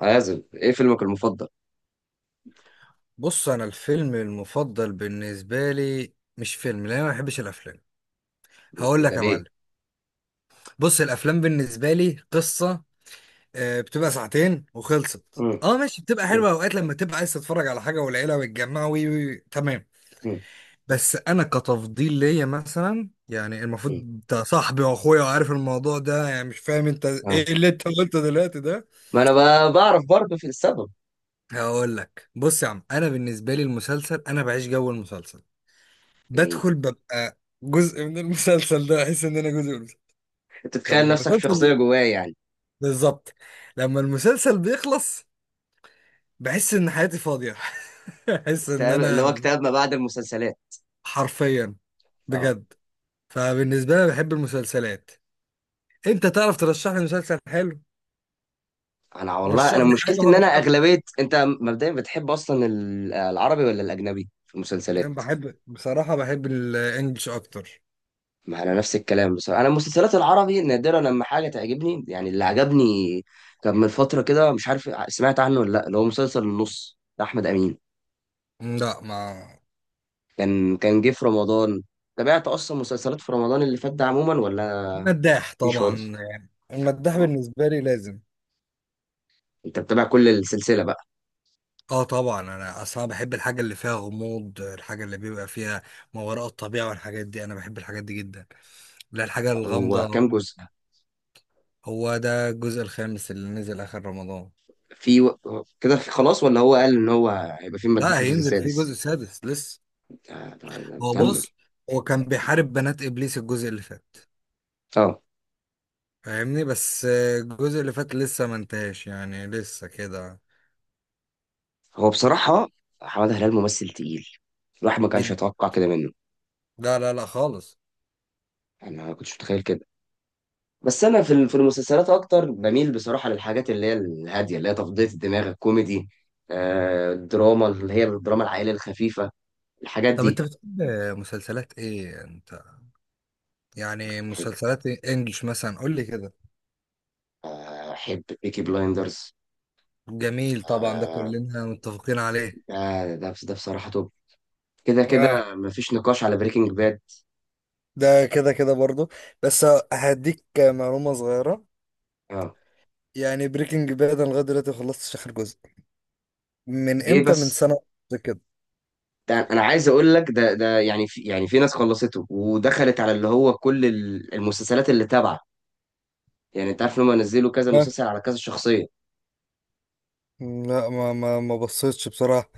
عازب، ايه فيلمك المفضل؟ بص، انا الفيلم المفضل بالنسبه لي مش فيلم، لان انا ما بحبش الافلام. هقول إيه ده، لك يا معلم. ليه؟ بص، الافلام بالنسبه لي قصه. بتبقى ساعتين وخلصت. مم. اه، ماشي. بتبقى مم. حلوه اوقات لما تبقى عايز تتفرج على حاجه والعيله ويتجمعوا، وي وي وي، تمام. مم. بس انا كتفضيل ليا مثلا، يعني المفروض مم. انت صاحبي واخويا وعارف الموضوع ده، يعني مش فاهم انت آه. ايه اللي انت قلته دلوقتي ده. ما انا بعرف برضه في السبب. هقول لك، بص يا عم، انا بالنسبه لي المسلسل انا بعيش جو المسلسل. يعني بدخل ببقى جزء من المسلسل، ده احس ان انا جزء من المسلسل. انت تتخيل لما نفسك في شخصيه المسلسل جواه يعني. بالظبط. لما المسلسل بيخلص بحس ان حياتي فاضية احس ان كتاب اللي انا هو كتاب ما بعد المسلسلات. حرفيا، اه بجد. فبالنسبة لي بحب المسلسلات. انت تعرف ترشح لي مسلسل حلو؟ انا والله رشح انا لي حاجة مشكلتي ان انا وهرشحها. اغلبيه، انت مبدئيا بتحب اصلا العربي ولا الاجنبي في انا المسلسلات؟ بحب بصراحة، بحب الانجليش اكتر. ما انا نفس الكلام بصراحه، انا المسلسلات العربي نادرا لما حاجه تعجبني، يعني اللي عجبني كان من فتره كده، مش عارف سمعت عنه ولا لا، اللي هو مسلسل النص بتاع احمد امين، لا ما كان جه في رمضان. تابعت اصلا مسلسلات في رمضان اللي فات ده عموما ولا مداح مفيش خالص؟ طبعا. يعني المداح بالنسبة لي لازم. انت بتابع كل السلسله بقى؟ اه طبعا، انا اصلا بحب الحاجه اللي فيها غموض، الحاجه اللي بيبقى فيها ما وراء الطبيعه والحاجات دي، انا بحب الحاجات دي جدا. لا، الحاجه هو الغامضه. كام جزء؟ هو ده الجزء الخامس اللي نزل اخر رمضان. في و... كده في خلاص ولا هو قال ان هو هيبقى في مداح لا، الجزء هينزل فيه جزء السادس؟ سادس لسه. آه، طب هو كمل. بص هو كان بيحارب بنات ابليس الجزء اللي فات. اه، فاهمني. بس الجزء اللي فات لسه ما انتهاش، يعني لسه كده. هو بصراحه حماده هلال ممثل تقيل، الواحد ما كانش جد، يتوقع كده منه. لا لا لا خالص. انا ما كنتش متخيل كده. بس انا في في المسلسلات اكتر بميل بصراحه للحاجات اللي هي الهاديه، اللي هي تفضيه الدماغ، الكوميدي، آه، الدراما اللي هي الدراما العائليه الخفيفه، الحاجات طب انت دي. بتحب مسلسلات ايه انت؟ يعني احب، مسلسلات انجلش مثلا، قول لي كده. احب بيكي بلايندرز. جميل طبعا، ده آه، كلنا متفقين عليه. ده ده بصراحة توب. كده اه، كده مفيش نقاش على بريكنج باد. ده كده كده برضو. بس هديك معلومة صغيرة. اه. يعني بريكنج باد انا لغاية دلوقتي خلصتش آخر جزء. من ايه امتى؟ من بس، سنة ونص كده. ده انا عايز اقول لك، ده يعني في، يعني في ناس خلصته ودخلت على اللي هو كل المسلسلات اللي تابعه، يعني انت عارف ان هم نزلوا كذا آه. مسلسل على كذا شخصية. لا، ما بصيتش بصراحة.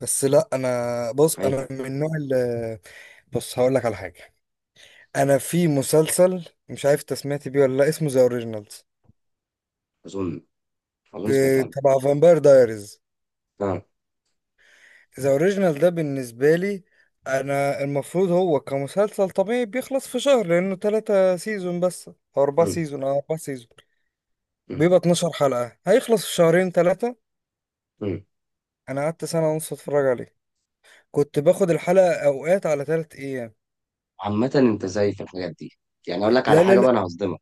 بس لا، انا بص، انا فايتك. من النوع اللي... بص هقول لك على حاجة. انا في مسلسل مش عارف انت سمعت بيه ولا لا، اسمه ذا اوريجينالز، اظن، اظن سمعت عنه. تبع فامباير دايريز. اه. ذا اوريجينال ده بالنسبة لي، انا المفروض هو كمسلسل طبيعي بيخلص في شهر، لانه 3 سيزون بس او اربعة مم. سيزون او 4 سيزون مم. بيبقى 12 حلقة، هيخلص في شهرين تلاتة. مم. انا قعدت سنة ونص اتفرج عليه. كنت باخد الحلقة اوقات على 3 ايام. عامة انت زي في الحاجات دي، يعني اقول لك على لا لا حاجة لا، بقى، انا هصدمك.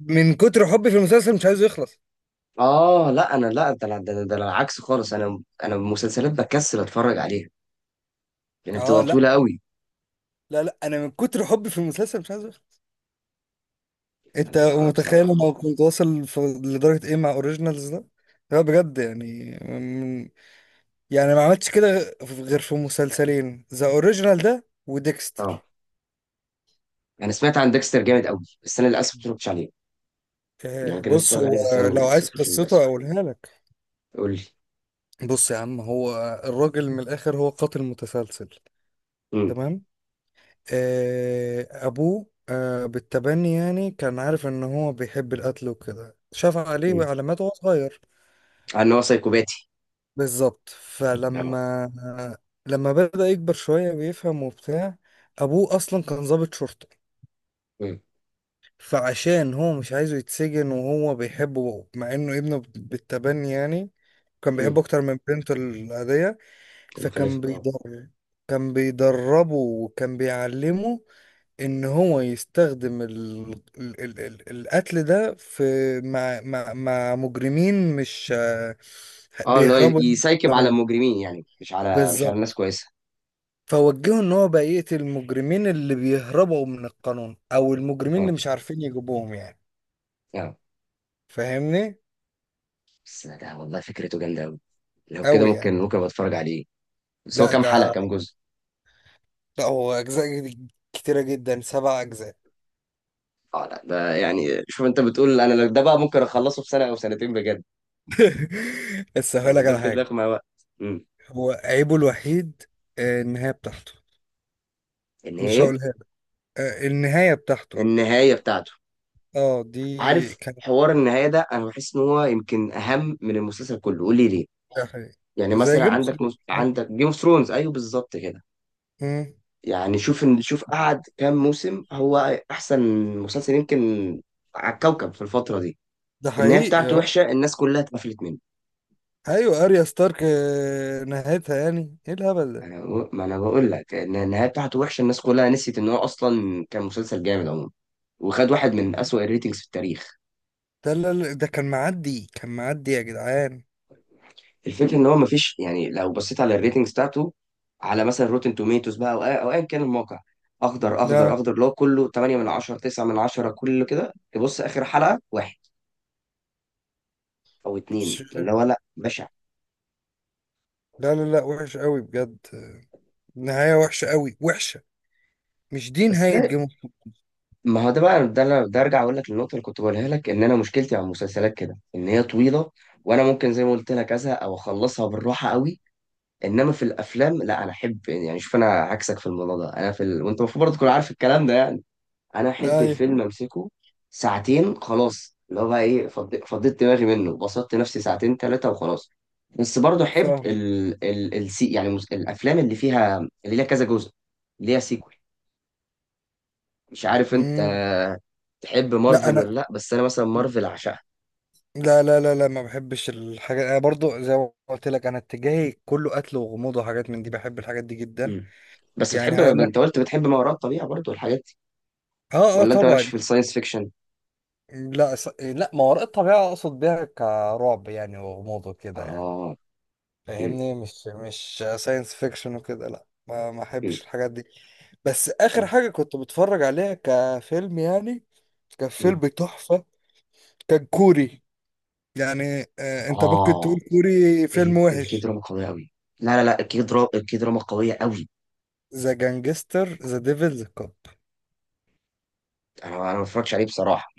من كتر حبي في المسلسل مش عايزه يخلص. اه لا، انا لا، ده أنا العكس خالص، انا المسلسلات بكسل اتفرج عليها لان اه بتبقى لا، طويله قوي. لا لا انا من كتر حبي في المسلسل مش عايزه يخلص. انت انا متخيل بصراحه، انا كنت واصل في- لدرجة ايه مع اوريجينالز ده؟ لا بجد يعني، يعني ما عملتش كده غير في مسلسلين، ذا اوريجينال ده اه وديكستر. انا سمعت عن ديكستر جامد قوي، بس انا للاسف ما اتفرجتش عليه. يعني أنا آه، كان نفسي بص اتفرج عليه بس هو انا لو لسه ما عايز اتفرجتش عليه للاسف. قصته اقولها لك. قول لي. بص يا عم، هو الراجل من الاخر هو قاتل متسلسل، امم. تمام. ابوه بالتبني، يعني كان عارف ان هو بيحب القتل وكده، شاف عليه امم، علامات وهو صغير. عن ان هو سايكوباتي. بالظبط. اه. لما بدأ يكبر شوية بيفهم وبتاع، ابوه اصلا كان ضابط شرطة. امم. فعشان هو مش عايزه يتسجن وهو بيحبه مع انه ابنه بالتبني، يعني كان امم. بيحبه اكتر من بنته العادية. كان فكان مخلف اه. بيضر كان بيدربه وكان بيعلمه ان هو يستخدم القتل ده في مع مجرمين، مش اه، اللي هو بيهربوا من يسايكب على القانون. المجرمين، يعني مش على، مش على الناس بالظبط. كويسه. فوجهه ان هو بقى يقتل المجرمين اللي بيهربوا من القانون، او المجرمين اللي اه. مش عارفين يجيبوهم يعني، اه. فاهمني. بس ده والله فكرته جامده قوي، لو كده قوي ممكن، يعني. ممكن أبقى اتفرج عليه. بس هو لا كام حلقه، ده كام جزء؟ لا هو اجزاء كتيره جدا، 7 اجزاء. اه لا ده يعني، شوف انت بتقول، انا لو ده بقى ممكن اخلصه في سنه او سنتين بجد. بس هقول يعني لك ده على بجد حاجه. هياخد معايا وقت. امم. هو عيبه الوحيد النهايه بتاعته. ان مش هي، هقولها لك. النهايه بتاعته، النهايه بتاعته. اه دي عارف كانت... حوار النهايه ده، انا بحس ان هو يمكن اهم من المسلسل كله. قول لي ليه. ده حقيقي. يعني زي مثلا جيم اوف عندك ثرونز. عندك جيم اوف ثرونز، ايوه بالظبط كده. مم. يعني شوف، ان شوف قعد كام موسم، هو احسن مسلسل يمكن على الكوكب في الفتره دي. ده النهايه حقيقي بتاعته اه. وحشه، الناس كلها اتقفلت منه. ايوه اريا ستارك، نهايتها يعني ايه الهبل ده. انا بقو- ما انا بقول لك ان النهايه بتاعته وحشه، الناس كلها نسيت ان هو اصلا كان مسلسل جامد عموما، وخد واحد من اسوأ الريتنجز في التاريخ. ده لا لا، ده كان معدي كان معدي يا جدعان. الفكره ان هو ما فيش، يعني لو بصيت على الريتنجز بتاعته على مثلا روتن توميتوز بقى، او او ايا كان الموقع، اخضر اخضر لا اخضر، اللي هو كله 8 من 10، 9 من 10، كله كده، تبص اخر حلقه واحد او اتنين مش- اللي هو، لا بشع. لا لا لا، وحش قوي بجد، نهايه وحشه قوي، وحشه. مش دي بس نهاية ده، جيم اوف ثرونز. ما هو ده بقى، ده ارجع اقول لك النقطه اللي كنت بقولها لك، ان انا مشكلتي مع المسلسلات كده ان هي طويله، وانا ممكن زي ما قلت لك ازهق او اخلصها بالراحه قوي. انما في الافلام لا، انا احب، يعني شوف انا عكسك في الموضوع ده، انا في ال...، وانت المفروض برضه تكون عارف الكلام ده يعني، انا احب ايوه. الفيلم امسكه ساعتين خلاص، اللي هو بقى ايه، فضيت دماغي منه، بسطت نفسي ساعتين ثلاثه وخلاص. بس برضه احب فاهم. ال... ال... السي... يعني الافلام اللي فيها، اللي ليها كذا جزء، اللي ليها سيكوال. مش عارف انت مم. تحب لا مارفل انا، ولا لا، بس انا مثلا مارفل عشقها. لا لا لا لا ما بحبش الحاجات. انا برضو زي ما قلت لك، انا اتجاهي كله قتل وغموض وحاجات من دي، بحب الحاجات دي جدا. مم. بس يعني بتحب، هقول انت لك، قلت بتحب ما وراء الطبيعه برضه والحاجات دي، اه اه ولا انت مالكش طبعا. في الساينس فيكشن؟ لا، ما وراء الطبيعة اقصد بيها كرعب يعني، وغموض وكده يعني. اه. مم. فاهمني، مش ساينس فيكشن وكده، لا ما مم. احبش الحاجات دي. بس اخر مم. حاجة كنت بتفرج عليها كفيلم يعني، كان فيلم مم. تحفة. كان كوري. يعني انت ممكن تقول اه، كوري فيلم الكي وحش. دراما قوية قوي. لا لا لا، الكي دراما، الكي دراما قوية قوي. ذا جانجستر ذا ديفلز كاب. انا ما بتفرجش عليه بصراحة.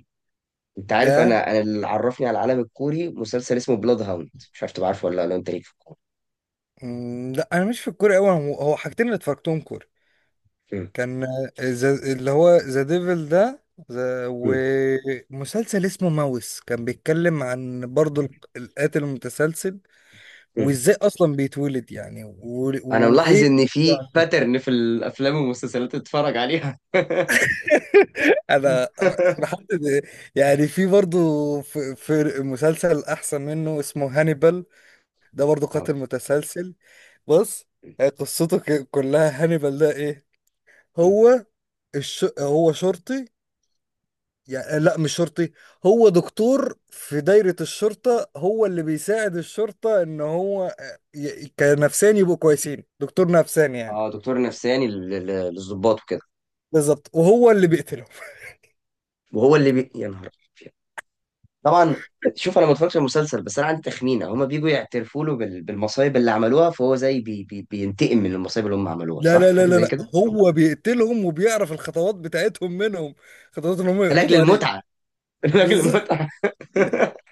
انت عارف ده انا، انا اللي عرفني على العالم الكوري مسلسل اسمه بلاد هاوند، مش عارف تبقى عارفه ولا لا، انت ليك في الكوري؟ مم، لا انا مش في الكوري قوي. هو حاجتين اللي اتفرجتهم كوري، مم. كان اللي هو ذا ديفل ده. مم. ومسلسل اسمه ماوس كان بيتكلم عن برضه القاتل المتسلسل. مم. وازاي اصلا بيتولد، يعني انا ملاحظ وايه. ان في يعني باترن في الافلام والمسلسلات اللي اتفرج عليها. انا بحدد. يعني في برضه، في مسلسل احسن منه اسمه هانيبال، ده برضه اه. قاتل متسلسل. بص، هي قصته كلها. هانيبال ده ايه؟ هو هو شرطي. يعني لا مش شرطي، هو دكتور في دايرة الشرطة، هو اللي بيساعد الشرطة ان هو كنفساني يبقوا كويسين، دكتور نفساني يعني. اه، دكتور نفساني للضباط وكده. بالظبط. وهو اللي بيقتلهم. وهو اللي بي...، يا نهار أبيض. طبعا. شوف انا ما اتفرجتش على المسلسل، بس انا عندي تخمينه، هما بيجوا يعترفوا له بالمصايب اللي عملوها، فهو زي بي بينتقم من المصايب اللي هم عملوها، لا صح؟ لا لا حاجه لا زي لا، كده؟ هو بيقتلهم وبيعرف الخطوات بتاعتهم منهم، خطوات ان هم لاجل يقبضوا المتعه. لاجل عليه. المتعه.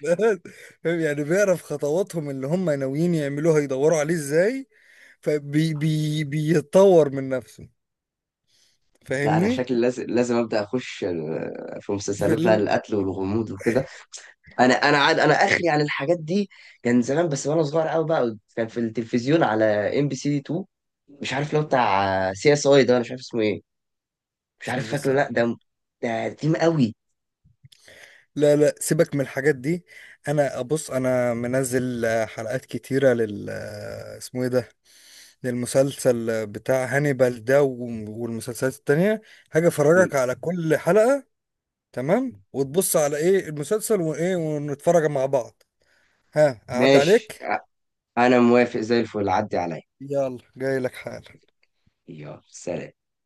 فاهم، يعني بيعرف خطواتهم اللي هم ناويين يعملوها يدوروا عليه ازاي، فبي بي بيتطور من نفسه. لا انا فاهمني. شكلي لازم، لازم ابدا اخش في في مسلسلات بقى ال القتل والغموض وكده. انا عاد انا اخري عن الحاجات دي. كان زمان بس وانا صغير قوي بقى، كان في التلفزيون على ام بي سي 2، مش عارف لو بتاع سي اس اي ده، انا مش عارف اسمه ايه، مش سي عارف اس فاكره ار. لا ده، ده قديم قوي. لا لا، سيبك من الحاجات دي. انا ابص، انا منزل حلقات كتيرة لل اسمه ايه ده، للمسلسل بتاع هانيبال ده، والمسلسلات التانية. هاجي افرجك على كل حلقة، تمام، وتبص على ايه المسلسل وايه، ونتفرج مع بعض. ها اعد ماشي، عليك. انا موافق زي الفل، عدي عليا. يلا جاي لك حالا. يلا سلام.